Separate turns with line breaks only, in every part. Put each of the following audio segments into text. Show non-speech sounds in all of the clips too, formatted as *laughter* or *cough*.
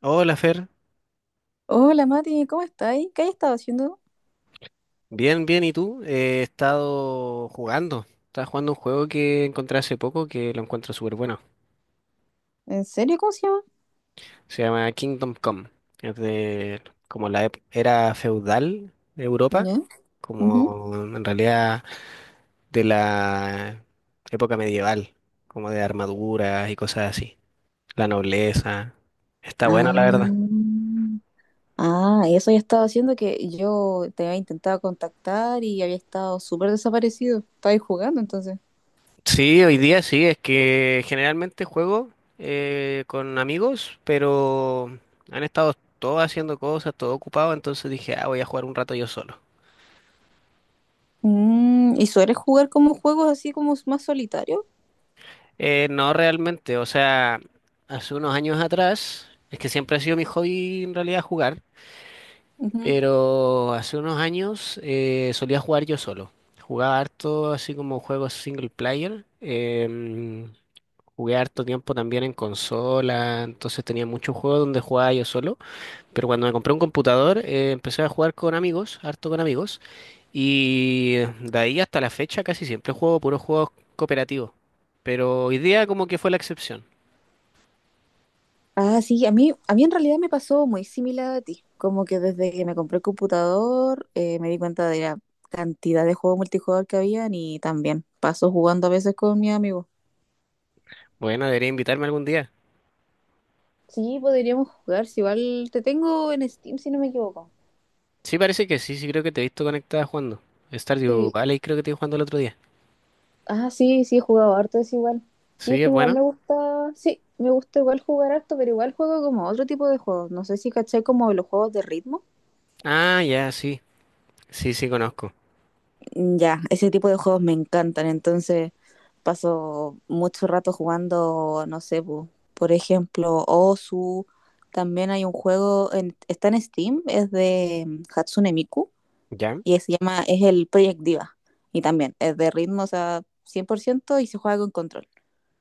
Hola Fer,
Hola Mati, ¿cómo estáis? ¿Qué has estado haciendo?
bien, bien, ¿y tú? He estado jugando, estaba jugando un juego que encontré hace poco que lo encuentro súper bueno,
¿En serio? ¿Cómo se llama?
se llama Kingdom Come, es de como la era feudal de Europa,
¿Ya? Ujú.
como en realidad de la época medieval, como de armaduras y cosas así, la nobleza, está bueno la verdad.
Ah, y eso ya estaba haciendo que yo te había intentado contactar y había estado súper desaparecido. Estabais jugando entonces.
Sí, hoy día sí, es que generalmente juego con amigos, pero han estado todos haciendo cosas, todo ocupado, entonces dije, ah, voy a jugar un rato yo solo.
¿Y sueles jugar como juegos así como más solitarios?
No realmente, o sea, hace unos años atrás, es que siempre ha sido mi hobby en realidad jugar,
Ujú.
pero hace unos años solía jugar yo solo. Jugaba harto así como juegos single player, jugué harto tiempo también en consola, entonces tenía muchos juegos donde jugaba yo solo. Pero cuando me compré un computador, empecé a jugar con amigos, harto con amigos, y de ahí hasta la fecha casi siempre juego puros juegos cooperativos. Pero hoy día como que fue la excepción.
Ah, sí, a mí en realidad me pasó muy similar a ti. Como que desde que me compré el computador me di cuenta de la cantidad de juegos multijugador que habían y también paso jugando a veces con mi amigo.
Bueno, debería invitarme algún día.
Sí, podríamos jugar, si igual te tengo en Steam, si no me equivoco.
Sí, parece que sí, sí creo que te he visto conectada jugando. Stardew
Sí.
Valley creo que te vi jugando el otro día.
Ah, sí, sí, he jugado harto, es igual. Sí, es
Sí,
que
es
igual me
bueno.
gusta, sí, me gusta igual jugar harto, pero igual juego como otro tipo de juegos. No sé si caché como los juegos de ritmo.
Ah, ya, sí. Sí, sí, conozco.
Mm, ya, ese tipo de juegos me encantan, entonces paso mucho rato jugando, no sé, po, por ejemplo, Osu. También hay un juego, está en Steam, es de Hatsune Miku
¿Ya?
y se llama, es el Project Diva. Y también es de ritmos a 100% y se juega con control.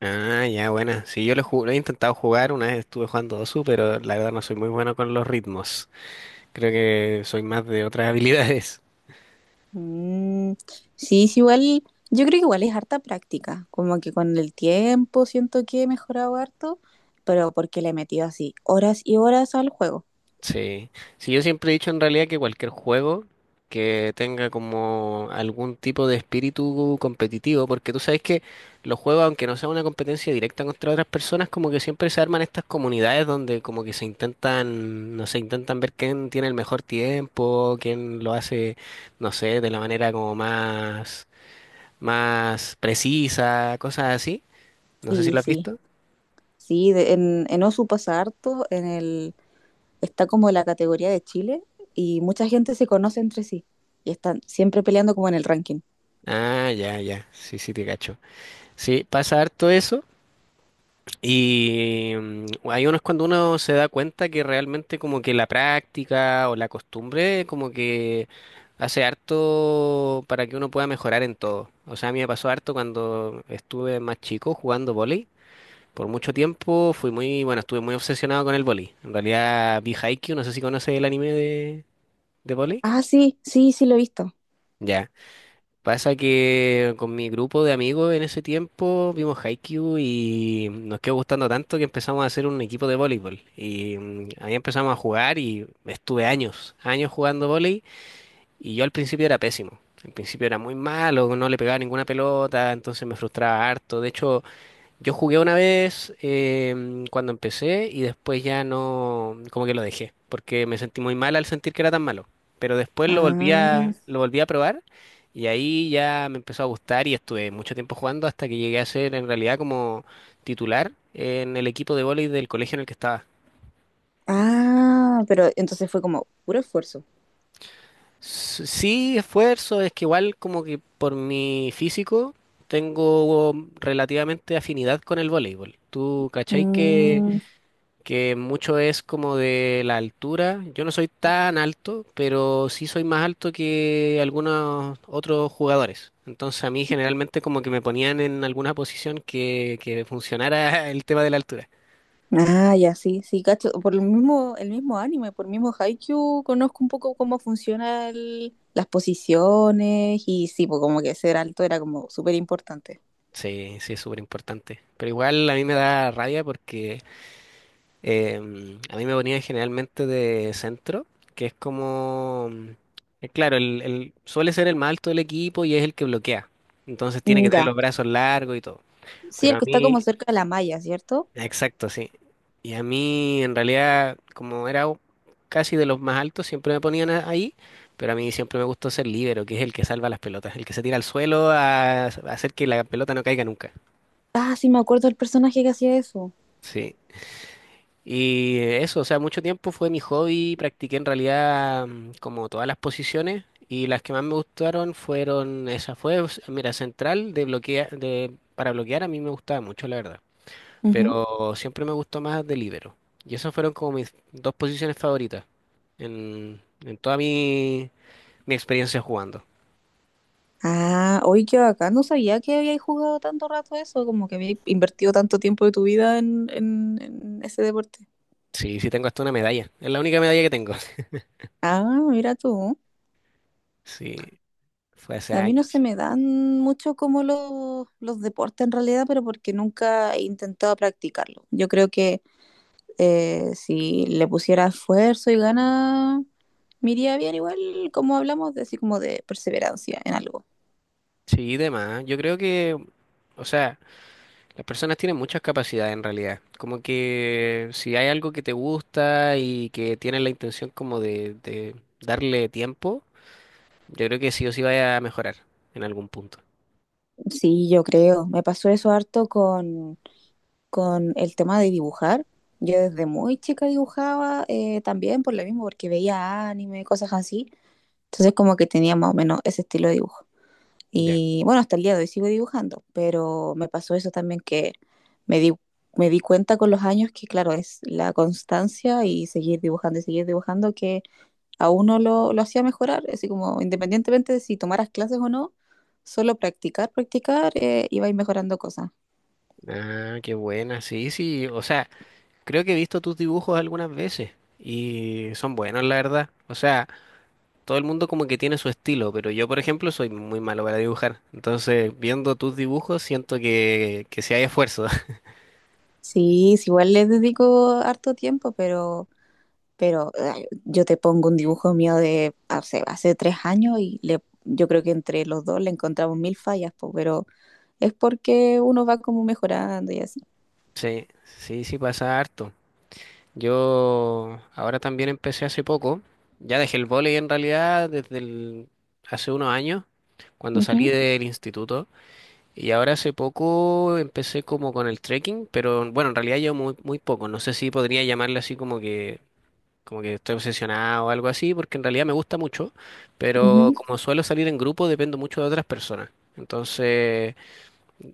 Ah, ya, buena. Sí, lo he intentado jugar, una vez estuve jugando Dosu, pero la verdad no soy muy bueno con los ritmos. Creo que soy más de otras *laughs* habilidades.
Mm, sí, sí, igual, yo creo que igual es harta práctica, como que con el tiempo siento que he mejorado harto, pero porque le he metido así horas y horas al juego.
Sí, sí, yo siempre he dicho en realidad que cualquier juego que tenga como algún tipo de espíritu competitivo, porque tú sabes que los juegos, aunque no sea una competencia directa contra otras personas, como que siempre se arman estas comunidades donde como que se intentan, no sé, intentan ver quién tiene el mejor tiempo, quién lo hace, no sé, de la manera como más, más precisa, cosas así. No sé si
Sí,
lo has
sí,
visto.
sí, en Osu pasa harto, está como la categoría de Chile y mucha gente se conoce entre sí y están siempre peleando como en el ranking.
Ah, ya, ya, sí, sí, te cacho. Sí, pasa harto eso. Y hay unos cuando uno se da cuenta que realmente como que la práctica o la costumbre como que hace harto para que uno pueda mejorar en todo. O sea, a mí me pasó harto cuando estuve más chico jugando vóley. Por mucho tiempo fui muy, bueno, estuve muy obsesionado con el vóley. En realidad vi Haikyuu, no sé si conoces el anime de vóley.
Ah, sí, sí, sí lo he visto.
Ya. Pasa que con mi grupo de amigos en ese tiempo vimos Haikyuu y nos quedó gustando tanto que empezamos a hacer un equipo de voleibol. Y ahí empezamos a jugar y estuve años, años jugando voleibol y yo al principio era pésimo. Al principio era muy malo, no le pegaba ninguna pelota, entonces me frustraba harto. De hecho, yo jugué una vez cuando empecé y después ya no, como que lo dejé, porque me sentí muy mal al sentir que era tan malo. Pero después
Ah.
lo volví a probar y ahí ya me empezó a gustar y estuve mucho tiempo jugando hasta que llegué a ser en realidad como titular en el equipo de vóley del colegio en el que estaba.
Ah, pero entonces fue como puro esfuerzo.
Sí, esfuerzo, es que igual como que por mi físico tengo relativamente afinidad con el voleibol. ¿Tú cachai que
Mm,
que mucho es como de la altura? Yo no soy tan alto, pero sí soy más alto que algunos otros jugadores. Entonces a mí generalmente como que me ponían en alguna posición que funcionara *laughs* el tema de la altura.
ah, ya, sí, sí, cacho. Por el mismo anime, por el mismo Haikyuu, conozco un poco cómo funcionan las posiciones y sí, pues como que ser alto era como súper importante.
Sí, sí, es súper importante. Pero igual a mí me da rabia porque a mí me ponían generalmente de centro, que es como, claro, suele ser el más alto del equipo y es el que bloquea. Entonces tiene
Mm,
que tener
ya.
los brazos largos y todo.
Sí,
Pero
el
a
que está como
mí,
cerca de la malla, ¿cierto?
exacto, sí. Y a mí, en realidad, como era casi de los más altos, siempre me ponían ahí, pero a mí siempre me gustó ser líbero, que es el que salva las pelotas, el que se tira al suelo a hacer que la pelota no caiga nunca.
Ah, sí, me acuerdo del personaje que hacía eso.
Sí. Y eso, o sea, mucho tiempo fue mi hobby, practiqué en realidad como todas las posiciones y las que más me gustaron fueron, esa fue, mira, central de bloquea, de, para bloquear a mí me gustaba mucho, la verdad.
Ujú.
Pero siempre me gustó más de. Y esas fueron como mis dos posiciones favoritas en toda mi, mi experiencia jugando.
Ah, hoy que acá no sabía que habías jugado tanto rato eso, como que habías invertido tanto tiempo de tu vida en ese deporte.
Sí, sí tengo hasta una medalla. Es la única medalla que tengo. *laughs*
Ah, mira tú.
Sí, fue hace
A mí no se
años.
me dan mucho como los deportes en realidad, pero porque nunca he intentado practicarlo. Yo creo que si le pusiera esfuerzo y ganas, me iría bien igual como hablamos de así como de perseverancia en algo.
Sí, demás. Yo creo que, o sea, las personas tienen muchas capacidades en realidad. Como que si hay algo que te gusta y que tienes la intención como de darle tiempo, yo creo que sí o sí vaya a mejorar en algún punto.
Sí, yo creo. Me pasó eso harto con el tema de dibujar. Yo desde muy chica dibujaba también por lo mismo, porque veía anime, cosas así. Entonces como que tenía más o menos ese estilo de dibujo.
Ya.
Y bueno, hasta el día de hoy sigo dibujando, pero me pasó eso también que me di, me di cuenta con los años que, claro, es la constancia y seguir dibujando que a uno lo hacía mejorar, así como independientemente de si tomaras clases o no, solo practicar, practicar, iba a ir mejorando cosas.
Ah, qué buena. Sí, sí. O sea, creo que he visto tus dibujos algunas veces y son buenos, la verdad. O sea, todo el mundo como que tiene su estilo, pero yo, por ejemplo, soy muy malo para dibujar. Entonces, viendo tus dibujos, siento que sí hay esfuerzo. *laughs*
Sí, sí, igual les dedico harto tiempo, pero ay, yo te pongo un dibujo mío de hace 3 años y le, yo creo que entre los dos le encontramos mil fallas, po, pero es porque uno va como mejorando y así.
Sí, sí, sí pasa harto. Yo ahora también empecé hace poco. Ya dejé el vóley en realidad hace unos años, cuando salí
Ujú.
del instituto. Y ahora hace poco empecé como con el trekking, pero bueno, en realidad yo muy, muy poco. No sé si podría llamarle así como que estoy obsesionado o algo así, porque en realidad me gusta mucho, pero
Ujú.
como suelo salir en grupo, dependo mucho de otras personas. Entonces,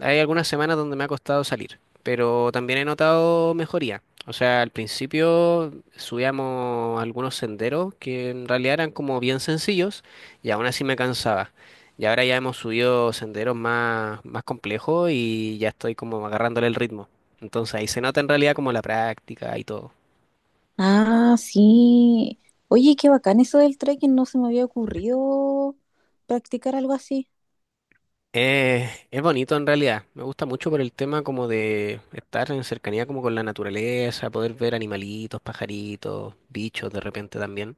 hay algunas semanas donde me ha costado salir, pero también he notado mejoría. O sea, al principio subíamos algunos senderos que en realidad eran como bien sencillos y aún así me cansaba. Y ahora ya hemos subido senderos más, más complejos y ya estoy como agarrándole el ritmo. Entonces ahí se nota en realidad como la práctica y todo.
Ah, sí. Oye, qué bacán eso del trekking, no se me había ocurrido practicar algo así.
Es bonito en realidad. Me gusta mucho por el tema como de estar en cercanía como con la naturaleza, poder ver animalitos, pajaritos, bichos de repente también.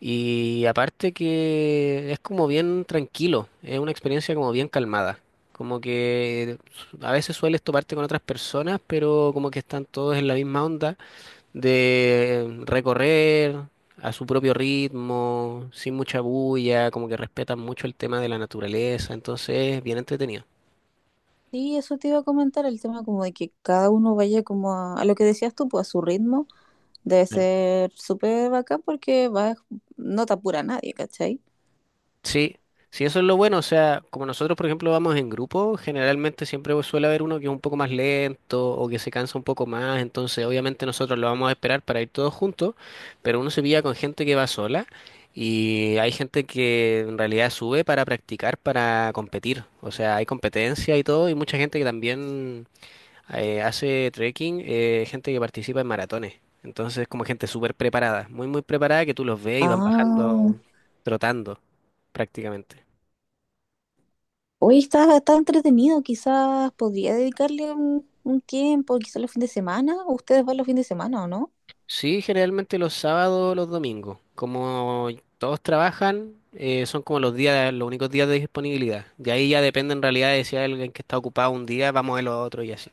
Y aparte que es como bien tranquilo, es una experiencia como bien calmada. Como que a veces sueles toparte con otras personas, pero como que están todos en la misma onda de recorrer a su propio ritmo, sin mucha bulla, como que respetan mucho el tema de la naturaleza, entonces es bien entretenido.
Sí, eso te iba a comentar, el tema como de que cada uno vaya como a lo que decías tú, pues a su ritmo, debe
Claro.
ser súper bacán porque vas, no te apura nadie, ¿cachai?
Sí, sí, eso es lo bueno. O sea, como nosotros, por ejemplo, vamos en grupo, generalmente siempre suele haber uno que es un poco más lento o que se cansa un poco más. Entonces, obviamente, nosotros lo vamos a esperar para ir todos juntos, pero uno se pilla con gente que va sola y hay gente que en realidad sube para practicar, para competir. O sea, hay competencia y todo, y mucha gente que también hace trekking gente que participa en maratones. Entonces, como gente súper preparada, muy, muy preparada, que tú los ves y van
Ah,
bajando trotando prácticamente.
hoy está, está entretenido, quizás podría dedicarle un tiempo, quizás los fines de semana, ustedes van los fines de semana, ¿o no?
Sí, generalmente los sábados o los domingos. Como todos trabajan, son como los días, los únicos días de disponibilidad. De ahí ya depende en realidad de si hay alguien que está ocupado un día, vamos el otro y así.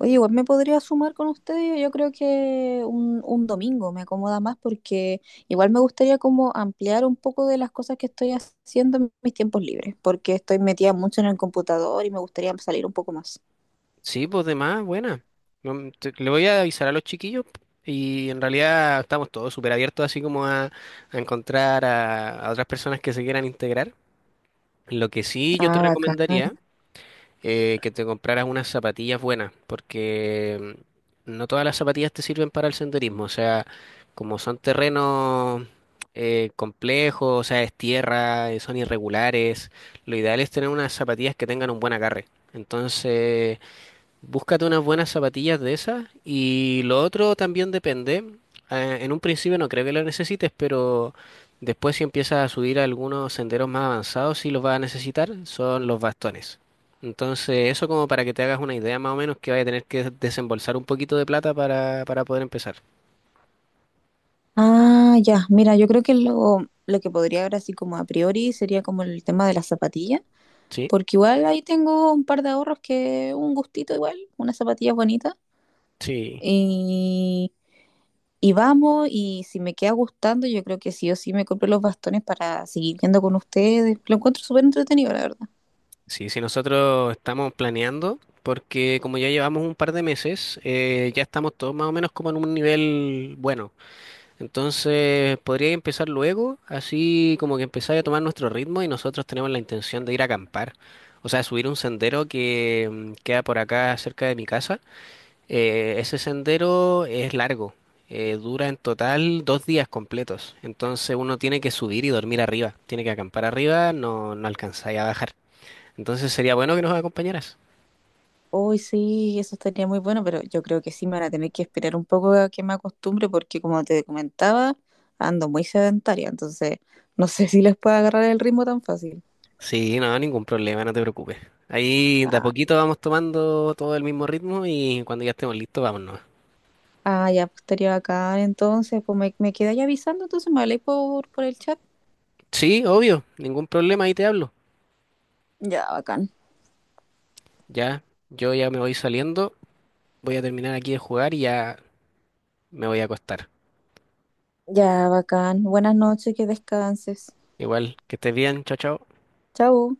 Oye, igual me podría sumar con ustedes, yo creo que un domingo me acomoda más porque igual me gustaría como ampliar un poco de las cosas que estoy haciendo en mis tiempos libres, porque estoy metida mucho en el computador y me gustaría salir un poco más.
Sí, pues de más, buena. No, le voy a avisar a los chiquillos y en realidad estamos todos súper abiertos así como a encontrar a otras personas que se quieran integrar. Lo que sí yo te
Ah, bacán.
recomendaría que te compraras unas zapatillas buenas porque no todas las zapatillas te sirven para el senderismo. O sea, como son terrenos complejos, o sea, es tierra, son irregulares, lo ideal es tener unas zapatillas que tengan un buen agarre. Entonces... Búscate unas buenas zapatillas de esas y lo otro también depende. En un principio no creo que lo necesites, pero después si empiezas a subir a algunos senderos más avanzados, sí los vas a necesitar, son los bastones. Entonces, eso como para que te hagas una idea más o menos que vaya a tener que desembolsar un poquito de plata para poder empezar.
Ah, ya, mira, yo creo que lo que podría ver así como a priori sería como el tema de las zapatillas,
Sí,
porque igual ahí tengo un par de ahorros que un gustito igual, unas zapatillas bonitas.
sí,
y Y vamos, y si me queda gustando, yo creo que sí o sí me compré los bastones para seguir viendo con ustedes. Lo encuentro súper entretenido, la verdad.
sí, nosotros estamos planeando, porque como ya llevamos un par de meses, ya estamos todos más o menos como en un nivel bueno. Entonces, podría empezar luego, así como que empezar a tomar nuestro ritmo y nosotros tenemos la intención de ir a acampar. O sea, subir un sendero que queda por acá cerca de mi casa. Ese sendero es largo, dura en total 2 días completos. Entonces uno tiene que subir y dormir arriba, tiene que acampar arriba, no, no alcanzáis a bajar. Entonces sería bueno que nos acompañaras.
Hoy sí, eso estaría muy bueno, pero yo creo que sí me van a tener que esperar un poco a que me acostumbre, porque como te comentaba, ando muy sedentaria, entonces no sé *laughs* si les puedo agarrar el ritmo tan fácil.
Sí, no, ningún problema, no te preocupes. Ahí de a
Ah,
poquito vamos tomando todo el mismo ritmo y cuando ya estemos listos, vámonos.
ya, pues estaría bacán, entonces, pues me quedáis avisando, entonces me habléis por el chat.
Sí, obvio, ningún problema, ahí te hablo.
Ya, bacán.
Ya, yo ya me voy saliendo, voy a terminar aquí de jugar y ya me voy a acostar.
Ya, bacán. Buenas noches, que descanses.
Igual, que estés bien, chao, chao.
Chao.